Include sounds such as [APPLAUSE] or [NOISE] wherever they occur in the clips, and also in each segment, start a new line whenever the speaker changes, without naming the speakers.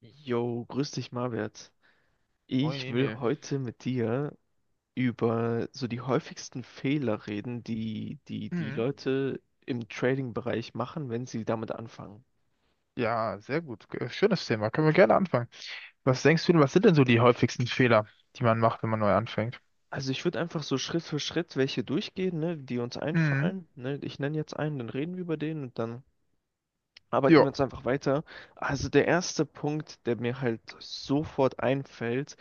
Jo, grüß dich, Marwert.
Moin
Ich will
Emil.
heute mit dir über so die häufigsten Fehler reden, die die
Hm.
Leute im Trading-Bereich machen, wenn sie damit anfangen.
Ja, sehr gut. Schönes Thema. Können wir gerne anfangen. Was denkst du denn, was sind denn so die häufigsten Fehler, die man macht, wenn man neu anfängt?
Also ich würde einfach so Schritt für Schritt welche durchgehen, ne, die uns
Hm.
einfallen. Ne? Ich nenne jetzt einen, dann reden wir über den und dann arbeiten
Jo.
wir uns einfach weiter. Also der erste Punkt, der mir halt sofort einfällt,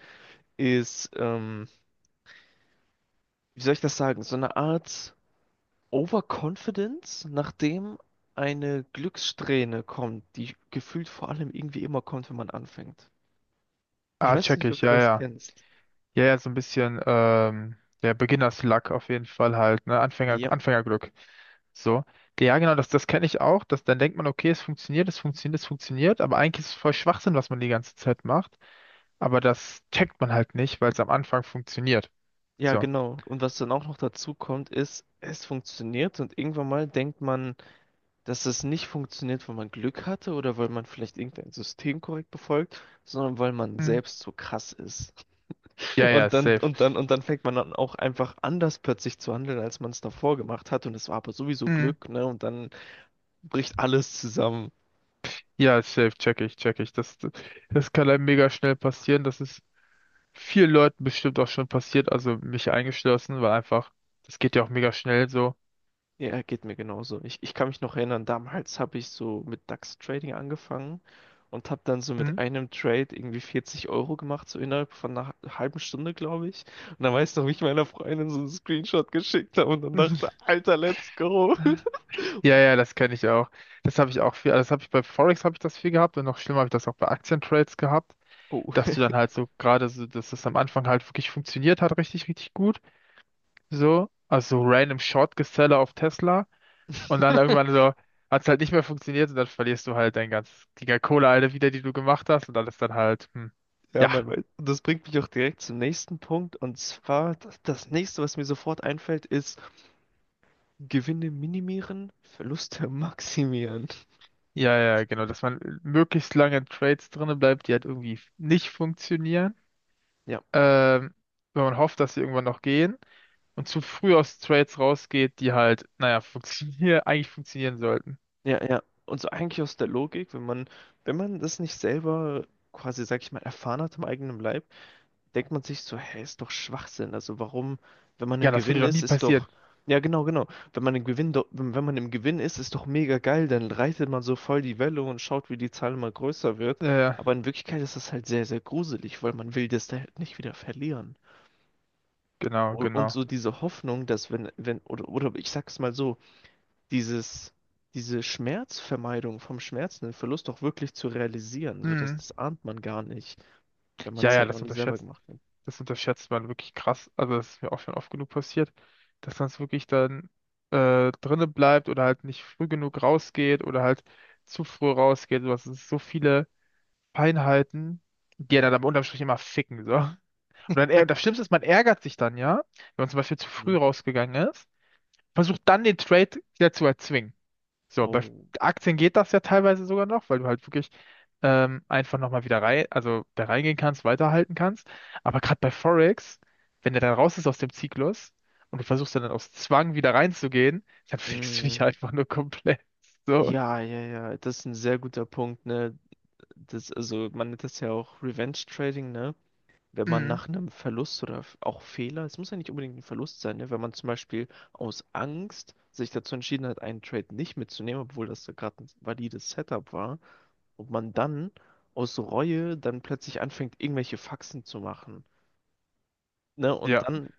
ist, wie soll ich das sagen, so eine Art Overconfidence, nachdem eine Glückssträhne kommt, die gefühlt vor allem irgendwie immer kommt, wenn man anfängt. Ich
Ah,
weiß
check
nicht, ob
ich.
du
Ja,
das
ja.
kennst.
Ja, ja, so ein bisschen, der Beginner's-Luck auf jeden Fall halt, ne?
Ja,
Anfängerglück. So. Ja, genau, das kenne ich auch. Dass dann denkt man, okay, es funktioniert, es funktioniert, es funktioniert, aber eigentlich ist es voll Schwachsinn, was man die ganze Zeit macht. Aber das checkt man halt nicht, weil es am Anfang funktioniert.
ja,
So.
genau. Und was dann auch noch dazu kommt, ist, es funktioniert und irgendwann mal denkt man, dass es nicht funktioniert, weil man Glück hatte oder weil man vielleicht irgendein System korrekt befolgt, sondern weil man
Hm.
selbst so krass ist.
Ja, ja,
Und dann,
safe.
und dann fängt man dann auch einfach anders plötzlich zu handeln, als man es davor gemacht hat. Und es war aber sowieso Glück, ne? Und dann bricht alles zusammen.
Ja, safe, check ich, check ich. Das kann einem mega schnell passieren. Das ist vielen Leuten bestimmt auch schon passiert, also mich eingeschlossen, weil einfach, das geht ja auch mega schnell so.
Ja, geht mir genauso. Ich kann mich noch erinnern, damals habe ich so mit DAX Trading angefangen und habe dann so mit
Mhm.
einem Trade irgendwie 40 € gemacht, so innerhalb von einer halben Stunde, glaube ich. Und dann weiß noch, wie ich meiner Freundin so einen Screenshot geschickt habe und dann dachte,
[LAUGHS]
Alter, let's go. [LAUGHS]
Ja, ja, das kenne ich auch. Das habe ich auch viel, also das habe ich bei Forex habe ich das viel gehabt und noch schlimmer habe ich das auch bei Aktientrades gehabt, dass
Oh.
du dann halt so gerade so, dass das am Anfang halt wirklich funktioniert hat, richtig, richtig gut. So, also so random Short Geseller auf Tesla. Und dann irgendwann so, hat es halt nicht mehr funktioniert und dann verlierst du halt die ganze Kohle alle wieder, die du gemacht hast und dann ist dann halt,
Ja,
ja,
man weiß. Und das bringt mich auch direkt zum nächsten Punkt. Und zwar, das nächste, was mir sofort einfällt, ist Gewinne minimieren, Verluste maximieren.
ja, ja, genau, dass man möglichst lange in Trades drinne bleibt, die halt irgendwie nicht funktionieren,
Ja,
ähm, wenn man hofft, dass sie irgendwann noch gehen und zu früh aus Trades rausgeht, die halt, naja, funktionieren, [LAUGHS] eigentlich funktionieren sollten.
ja, ja. Und so eigentlich aus der Logik, wenn man das nicht selber quasi, sag ich mal, erfahren hat im eigenen Leib, denkt man sich so, hey, ist doch Schwachsinn. Also warum, wenn man
Ja,
im
das würde
Gewinn
doch
ist,
nie
ist
passieren.
doch, ja genau, genau. Wenn man im Gewinn, do- Wenn man im Gewinn ist, ist doch mega geil. Dann reitet man so voll die Welle und schaut, wie die Zahl immer größer wird.
Äh,
Aber in Wirklichkeit ist das halt sehr, sehr gruselig, weil man will das da halt nicht wieder verlieren.
genau,
Und
genau.
so diese Hoffnung, dass wenn, wenn, oder, ich sag's mal so, dieses, diese Schmerzvermeidung vom Schmerz, den Verlust auch wirklich zu realisieren. So, dass
Hm.
das ahnt man gar nicht, wenn man
Ja,
es
ja,
halt noch nie selber gemacht hat.
das unterschätzt man wirklich krass. Also das ist mir auch schon oft genug passiert, dass man es wirklich dann drinne bleibt oder halt nicht früh genug rausgeht oder halt zu früh rausgeht. Du hast so viele Feinheiten, die ja
Ja.
dann am unterm Strich immer ficken, so. Und dann,
Ha.
das Schlimmste ist, man ärgert sich dann, ja, wenn man zum Beispiel zu
Hm.
früh rausgegangen ist, versucht dann den Trade wieder zu erzwingen. So, bei
Oh.
Aktien geht das ja teilweise sogar noch, weil du halt wirklich einfach nochmal wieder rein, also da reingehen kannst, weiterhalten kannst. Aber gerade bei Forex, wenn der dann raus ist aus dem Zyklus und du versuchst dann aus Zwang wieder reinzugehen, dann [LAUGHS] fickst du
Hm.
dich einfach nur komplett. So.
Ja, ja, ja. Das ist ein sehr guter Punkt, ne? Das, also man nennt das ja auch Revenge Trading, ne? Wenn man
Mhm.
nach einem Verlust oder auch Fehler, es muss ja nicht unbedingt ein Verlust sein, ne? Wenn man zum Beispiel aus Angst sich dazu entschieden hat, einen Trade nicht mitzunehmen, obwohl das ja gerade ein valides Setup war, ob man dann aus Reue dann plötzlich anfängt, irgendwelche Faxen zu machen, ne, und
Ja,
dann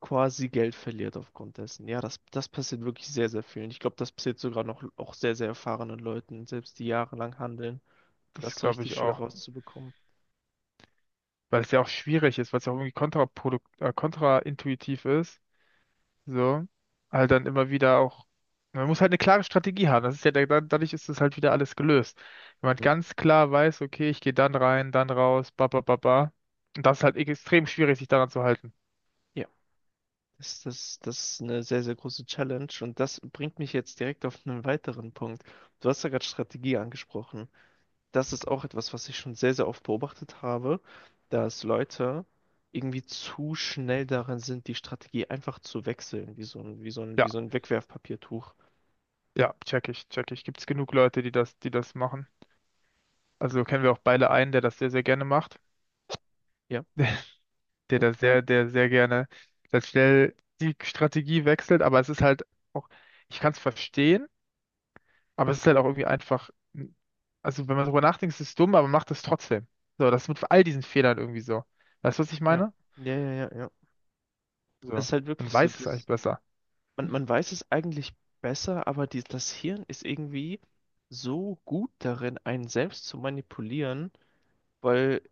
quasi Geld verliert aufgrund dessen. Ja, das, das passiert wirklich sehr, sehr vielen. Ich glaube, das passiert sogar noch auch sehr, sehr erfahrenen Leuten, selbst die jahrelang handeln,
das
das so
glaube
richtig
ich
schwer
auch.
rauszubekommen.
Weil es ja auch schwierig ist, weil es ja auch irgendwie kontraprodukt kontraintuitiv ist. So, halt dann immer wieder auch, man muss halt eine klare Strategie haben. Das ist ja, dadurch ist das halt wieder alles gelöst. Wenn man
Mhm.
ganz klar weiß, okay, ich gehe dann rein, dann raus, ba, ba, ba, ba. Und das ist halt extrem schwierig, sich daran zu halten.
Ja, das ist eine sehr, sehr große Challenge und das bringt mich jetzt direkt auf einen weiteren Punkt. Du hast ja gerade Strategie angesprochen. Das ist auch etwas, was ich schon sehr, sehr oft beobachtet habe, dass Leute irgendwie zu schnell darin sind, die Strategie einfach zu wechseln,
Ja,
wie so ein Wegwerfpapiertuch.
ja, check ich, check ich. Gibt's genug Leute, die das machen? Also kennen wir auch beide einen, der das sehr, sehr gerne macht.
Ja.
[LAUGHS] Der sehr gerne dann schnell die Strategie wechselt, aber es ist halt auch, ich kann es verstehen. Aber es ist halt auch irgendwie einfach, also wenn man darüber nachdenkt, ist es dumm, aber macht es trotzdem. So, das ist mit all diesen Fehlern irgendwie so. Weißt du, was ich
Ja.
meine?
Ja. Das
So,
ist halt
man
wirklich so,
weiß es eigentlich
dass
besser.
man weiß es eigentlich besser, aber die, das Hirn ist irgendwie so gut darin, einen selbst zu manipulieren, weil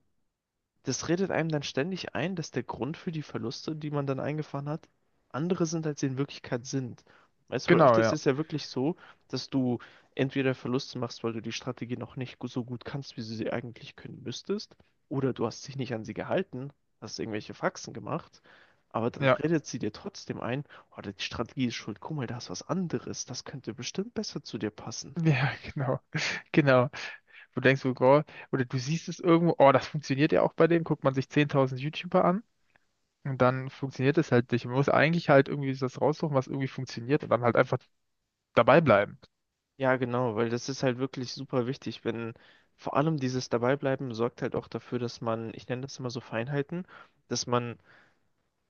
das redet einem dann ständig ein, dass der Grund für die Verluste, die man dann eingefahren hat, andere sind, als sie in Wirklichkeit sind. Weißt du, weil oft
Genau,
ist
ja.
es ja wirklich so, dass du entweder Verluste machst, weil du die Strategie noch nicht gu- so gut kannst, wie du sie eigentlich können müsstest, oder du hast dich nicht an sie gehalten, hast irgendwelche Faxen gemacht, aber dann
Ja,
redet sie dir trotzdem ein, oh, die Strategie ist schuld, guck mal, da ist was anderes, das könnte bestimmt besser zu dir passen.
ja, [LAUGHS] genau. Genau. Du denkst, so, oh, oder du siehst es irgendwo, oh, das funktioniert ja auch bei dem, guckt man sich 10.000 YouTuber an und dann funktioniert es halt nicht. Man muss eigentlich halt irgendwie das raussuchen, was irgendwie funktioniert und dann halt einfach dabei bleiben.
Ja, genau, weil das ist halt wirklich super wichtig, wenn vor allem dieses Dabeibleiben sorgt halt auch dafür, ich nenne das immer so Feinheiten, dass man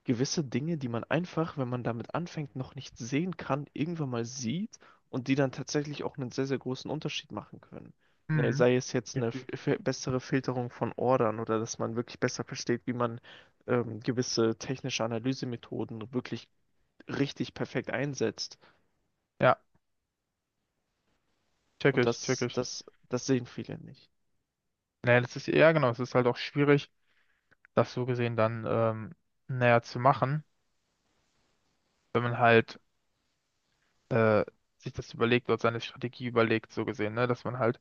gewisse Dinge, die man einfach, wenn man damit anfängt, noch nicht sehen kann, irgendwann mal sieht und die dann tatsächlich auch einen sehr, sehr großen Unterschied machen können. Ne,
Mhm.
sei es jetzt eine bessere Filterung von Ordern oder dass man wirklich besser versteht, wie man gewisse technische Analysemethoden wirklich richtig perfekt einsetzt.
Ja, check
Und
ich, check
das,
ich.
das, das sehen viele nicht.
Naja, das ist, ja genau, es ist halt auch schwierig, das so gesehen dann näher zu machen, wenn man halt äh, sich das überlegt oder seine Strategie überlegt, so gesehen, ne? Dass man halt,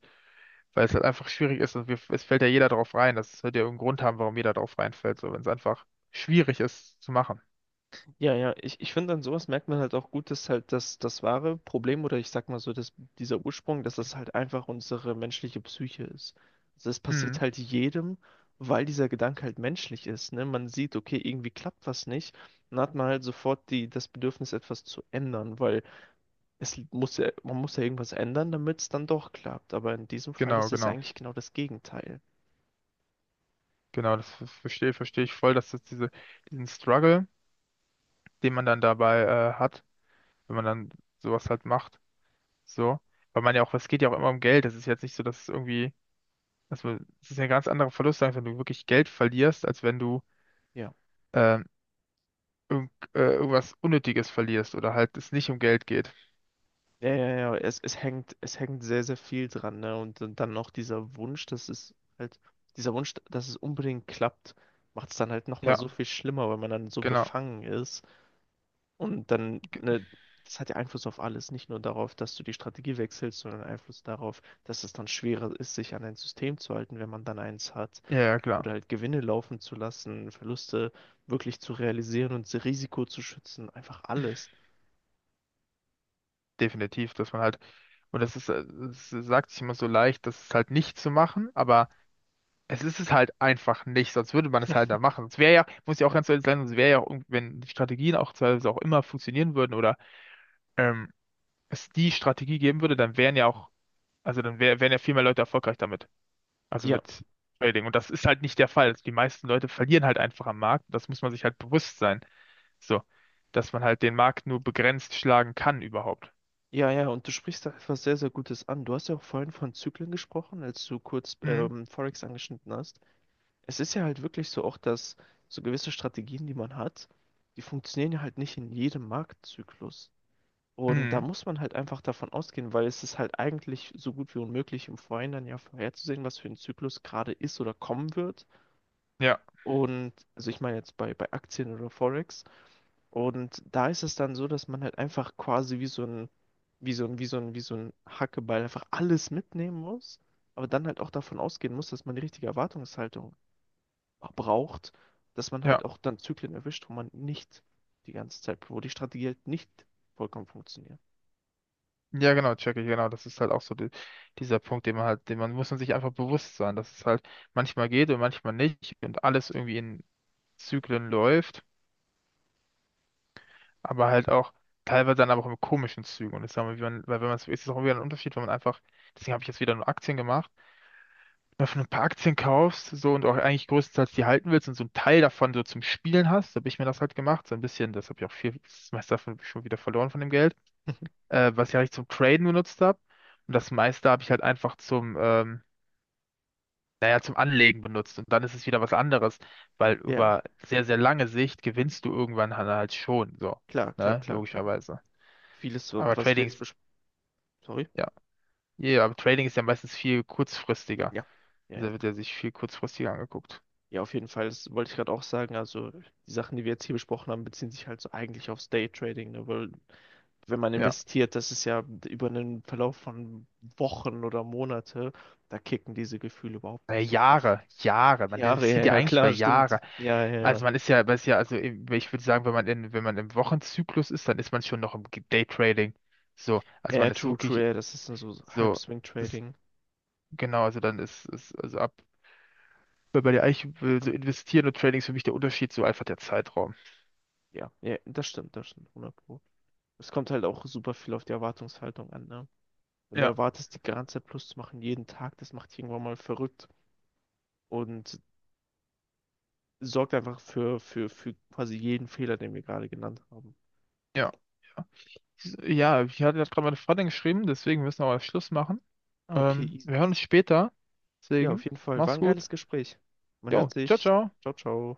weil es halt einfach schwierig ist und es fällt ja jeder drauf rein, das wird ja irgendeinen Grund haben, warum jeder drauf reinfällt, so wenn es einfach schwierig ist zu machen.
Ja, ja, ich finde, an sowas merkt man halt auch gut, das wahre Problem oder ich sag mal so, dass dieser Ursprung, dass das halt einfach unsere menschliche Psyche ist. Also das passiert
Mhm.
halt jedem, weil dieser Gedanke halt menschlich ist, ne? Man sieht, okay, irgendwie klappt was nicht, dann hat man halt sofort das Bedürfnis, etwas zu ändern, weil man muss ja irgendwas ändern, damit es dann doch klappt. Aber in diesem Fall
Genau,
ist es ja
genau,
eigentlich genau das Gegenteil.
genau, das verstehe ich voll, dass das diesen Struggle, den man dann dabei hat, wenn man dann sowas halt macht, so. Weil man ja auch, es geht ja auch immer um Geld, es ist jetzt nicht so, dass es irgendwie. Also, es ist ja ein ganz anderer Verlust, als wenn du wirklich Geld verlierst, als wenn du
Ja.
ähm, irgendwas Unnötiges verlierst oder halt es nicht um Geld geht.
Ja, ja, ja, es hängt sehr, sehr viel dran, ne? Und dann noch dieser Wunsch, dieser Wunsch, dass es unbedingt klappt, macht es dann halt nochmal
Ja,
so viel schlimmer, weil man dann so
genau.
befangen ist. Und dann, ne, das hat ja Einfluss auf alles, nicht nur darauf, dass du die Strategie wechselst, sondern Einfluss darauf, dass es dann schwerer ist, sich an ein System zu halten, wenn man dann eins hat.
Ja, ja, klar.
Oder halt Gewinne laufen zu lassen, Verluste wirklich zu realisieren und Risiko zu schützen, einfach alles.
Definitiv, dass man halt, und das ist, es sagt sich immer so leicht, das ist halt nicht zu machen, aber es ist es halt einfach nicht, sonst würde man es halt da machen. Sonst wäre ja, muss ja auch
Ja.
ganz ehrlich sein, sonst wäre ja auch, wenn die Strategien auch teilweise auch immer funktionieren würden oder ähm, es die Strategie geben würde, dann wären ja auch, also dann wären ja viel mehr Leute erfolgreich damit. Also
Ja,
mit Trading. Und das ist halt nicht der Fall. Die meisten Leute verlieren halt einfach am Markt. Das muss man sich halt bewusst sein. So, dass man halt den Markt nur begrenzt schlagen kann überhaupt.
Ja, und du sprichst da etwas sehr, sehr Gutes an. Du hast ja auch vorhin von Zyklen gesprochen, als du kurz
Mhm.
Forex angeschnitten hast. Es ist ja halt wirklich so auch, dass so gewisse Strategien, die man hat, die funktionieren ja halt nicht in jedem Marktzyklus. Und da
Mhm.
muss man halt einfach davon ausgehen, weil es ist halt eigentlich so gut wie unmöglich, im Vorhinein dann ja vorherzusehen, was für ein Zyklus gerade ist oder kommen wird.
Ja,
Und also ich meine bei Aktien oder Forex. Und da ist es dann so, dass man halt einfach quasi wie so ein, wie so ein, wie so ein, wie so ein Hackeball einfach alles mitnehmen muss, aber dann halt auch davon ausgehen muss, dass man die richtige Erwartungshaltung braucht, dass man halt
ja.
auch dann Zyklen erwischt, wo man nicht die ganze Zeit, wo die Strategie halt nicht vollkommen funktioniert.
Ja, genau, check ich, genau. Das ist halt auch so dieser Punkt, den man halt, den man muss man sich einfach bewusst sein, dass es halt manchmal geht und manchmal nicht und alles irgendwie in Zyklen läuft, aber halt auch teilweise dann aber auch in komischen Zügen. Und das sagen wir, wie man, weil wenn man es, ist es auch wieder ein Unterschied, wenn man einfach, deswegen habe ich jetzt wieder nur Aktien gemacht. Wenn du ein paar Aktien kaufst, so und auch eigentlich größtenteils die halten willst und so einen Teil davon so zum Spielen hast, so habe ich mir das halt gemacht, so ein bisschen, das habe ich auch viel, das meiste davon schon wieder verloren von dem Geld,
[LAUGHS]
äh, was ich eigentlich zum Traden benutzt habe und das meiste habe ich halt einfach zum, naja, zum Anlegen benutzt und dann ist es wieder was anderes, weil
Ja,
über sehr, sehr lange Sicht gewinnst du irgendwann halt schon, so,
klar, klar,
ne,
klar, klar.
logischerweise.
Vieles, so,
Aber
was wir
Trading
jetzt
ist,
besprechen. Sorry?
ja, ja, aber Trading ist ja meistens viel kurzfristiger,
Ja. Ja.
also wird ja sich viel kurzfristiger angeguckt.
Ja, auf jeden Fall. Das wollte ich gerade auch sagen. Also, die Sachen, die wir jetzt hier besprochen haben, beziehen sich halt so eigentlich aufs Daytrading, ne? Weil wenn man
Ja.
investiert, das ist ja über einen Verlauf von Wochen oder Monate, da kicken diese Gefühle überhaupt nicht so krass.
Jahre, Jahre. Man
Jahre, ja,
investiert ja
ja,
eigentlich über
klar,
Jahre.
stimmt. Ja, ja, ja.
Also man ist ja, also ich würde sagen, wenn man im Wochenzyklus ist, dann ist man schon noch im Daytrading. So,
Ja,
also
ja,
man ist
true, true,
wirklich
ja, das ist dann so
so, das,
Halbswing-Trading.
genau, also dann ist also ab, weil bei dir eigentlich will so investieren und Trading ist für mich der Unterschied, so einfach der Zeitraum.
Ja, ja, das stimmt, 100 Pro. Es kommt halt auch super viel auf die Erwartungshaltung an, ne? Wenn du
Ja,
erwartest, die ganze Zeit Plus zu machen, jeden Tag, das macht dich irgendwann mal verrückt und sorgt einfach für quasi jeden Fehler, den wir gerade genannt haben.
ja. Ja, ich hatte gerade meine Freundin geschrieben, deswegen müssen wir auch Schluss machen.
Ah, okay, easy.
Wir hören uns später.
Ja, auf
Deswegen,
jeden Fall. War
mach's
ein
gut.
geiles Gespräch. Man hört
Jo, ciao,
sich.
ciao.
Ciao, ciao.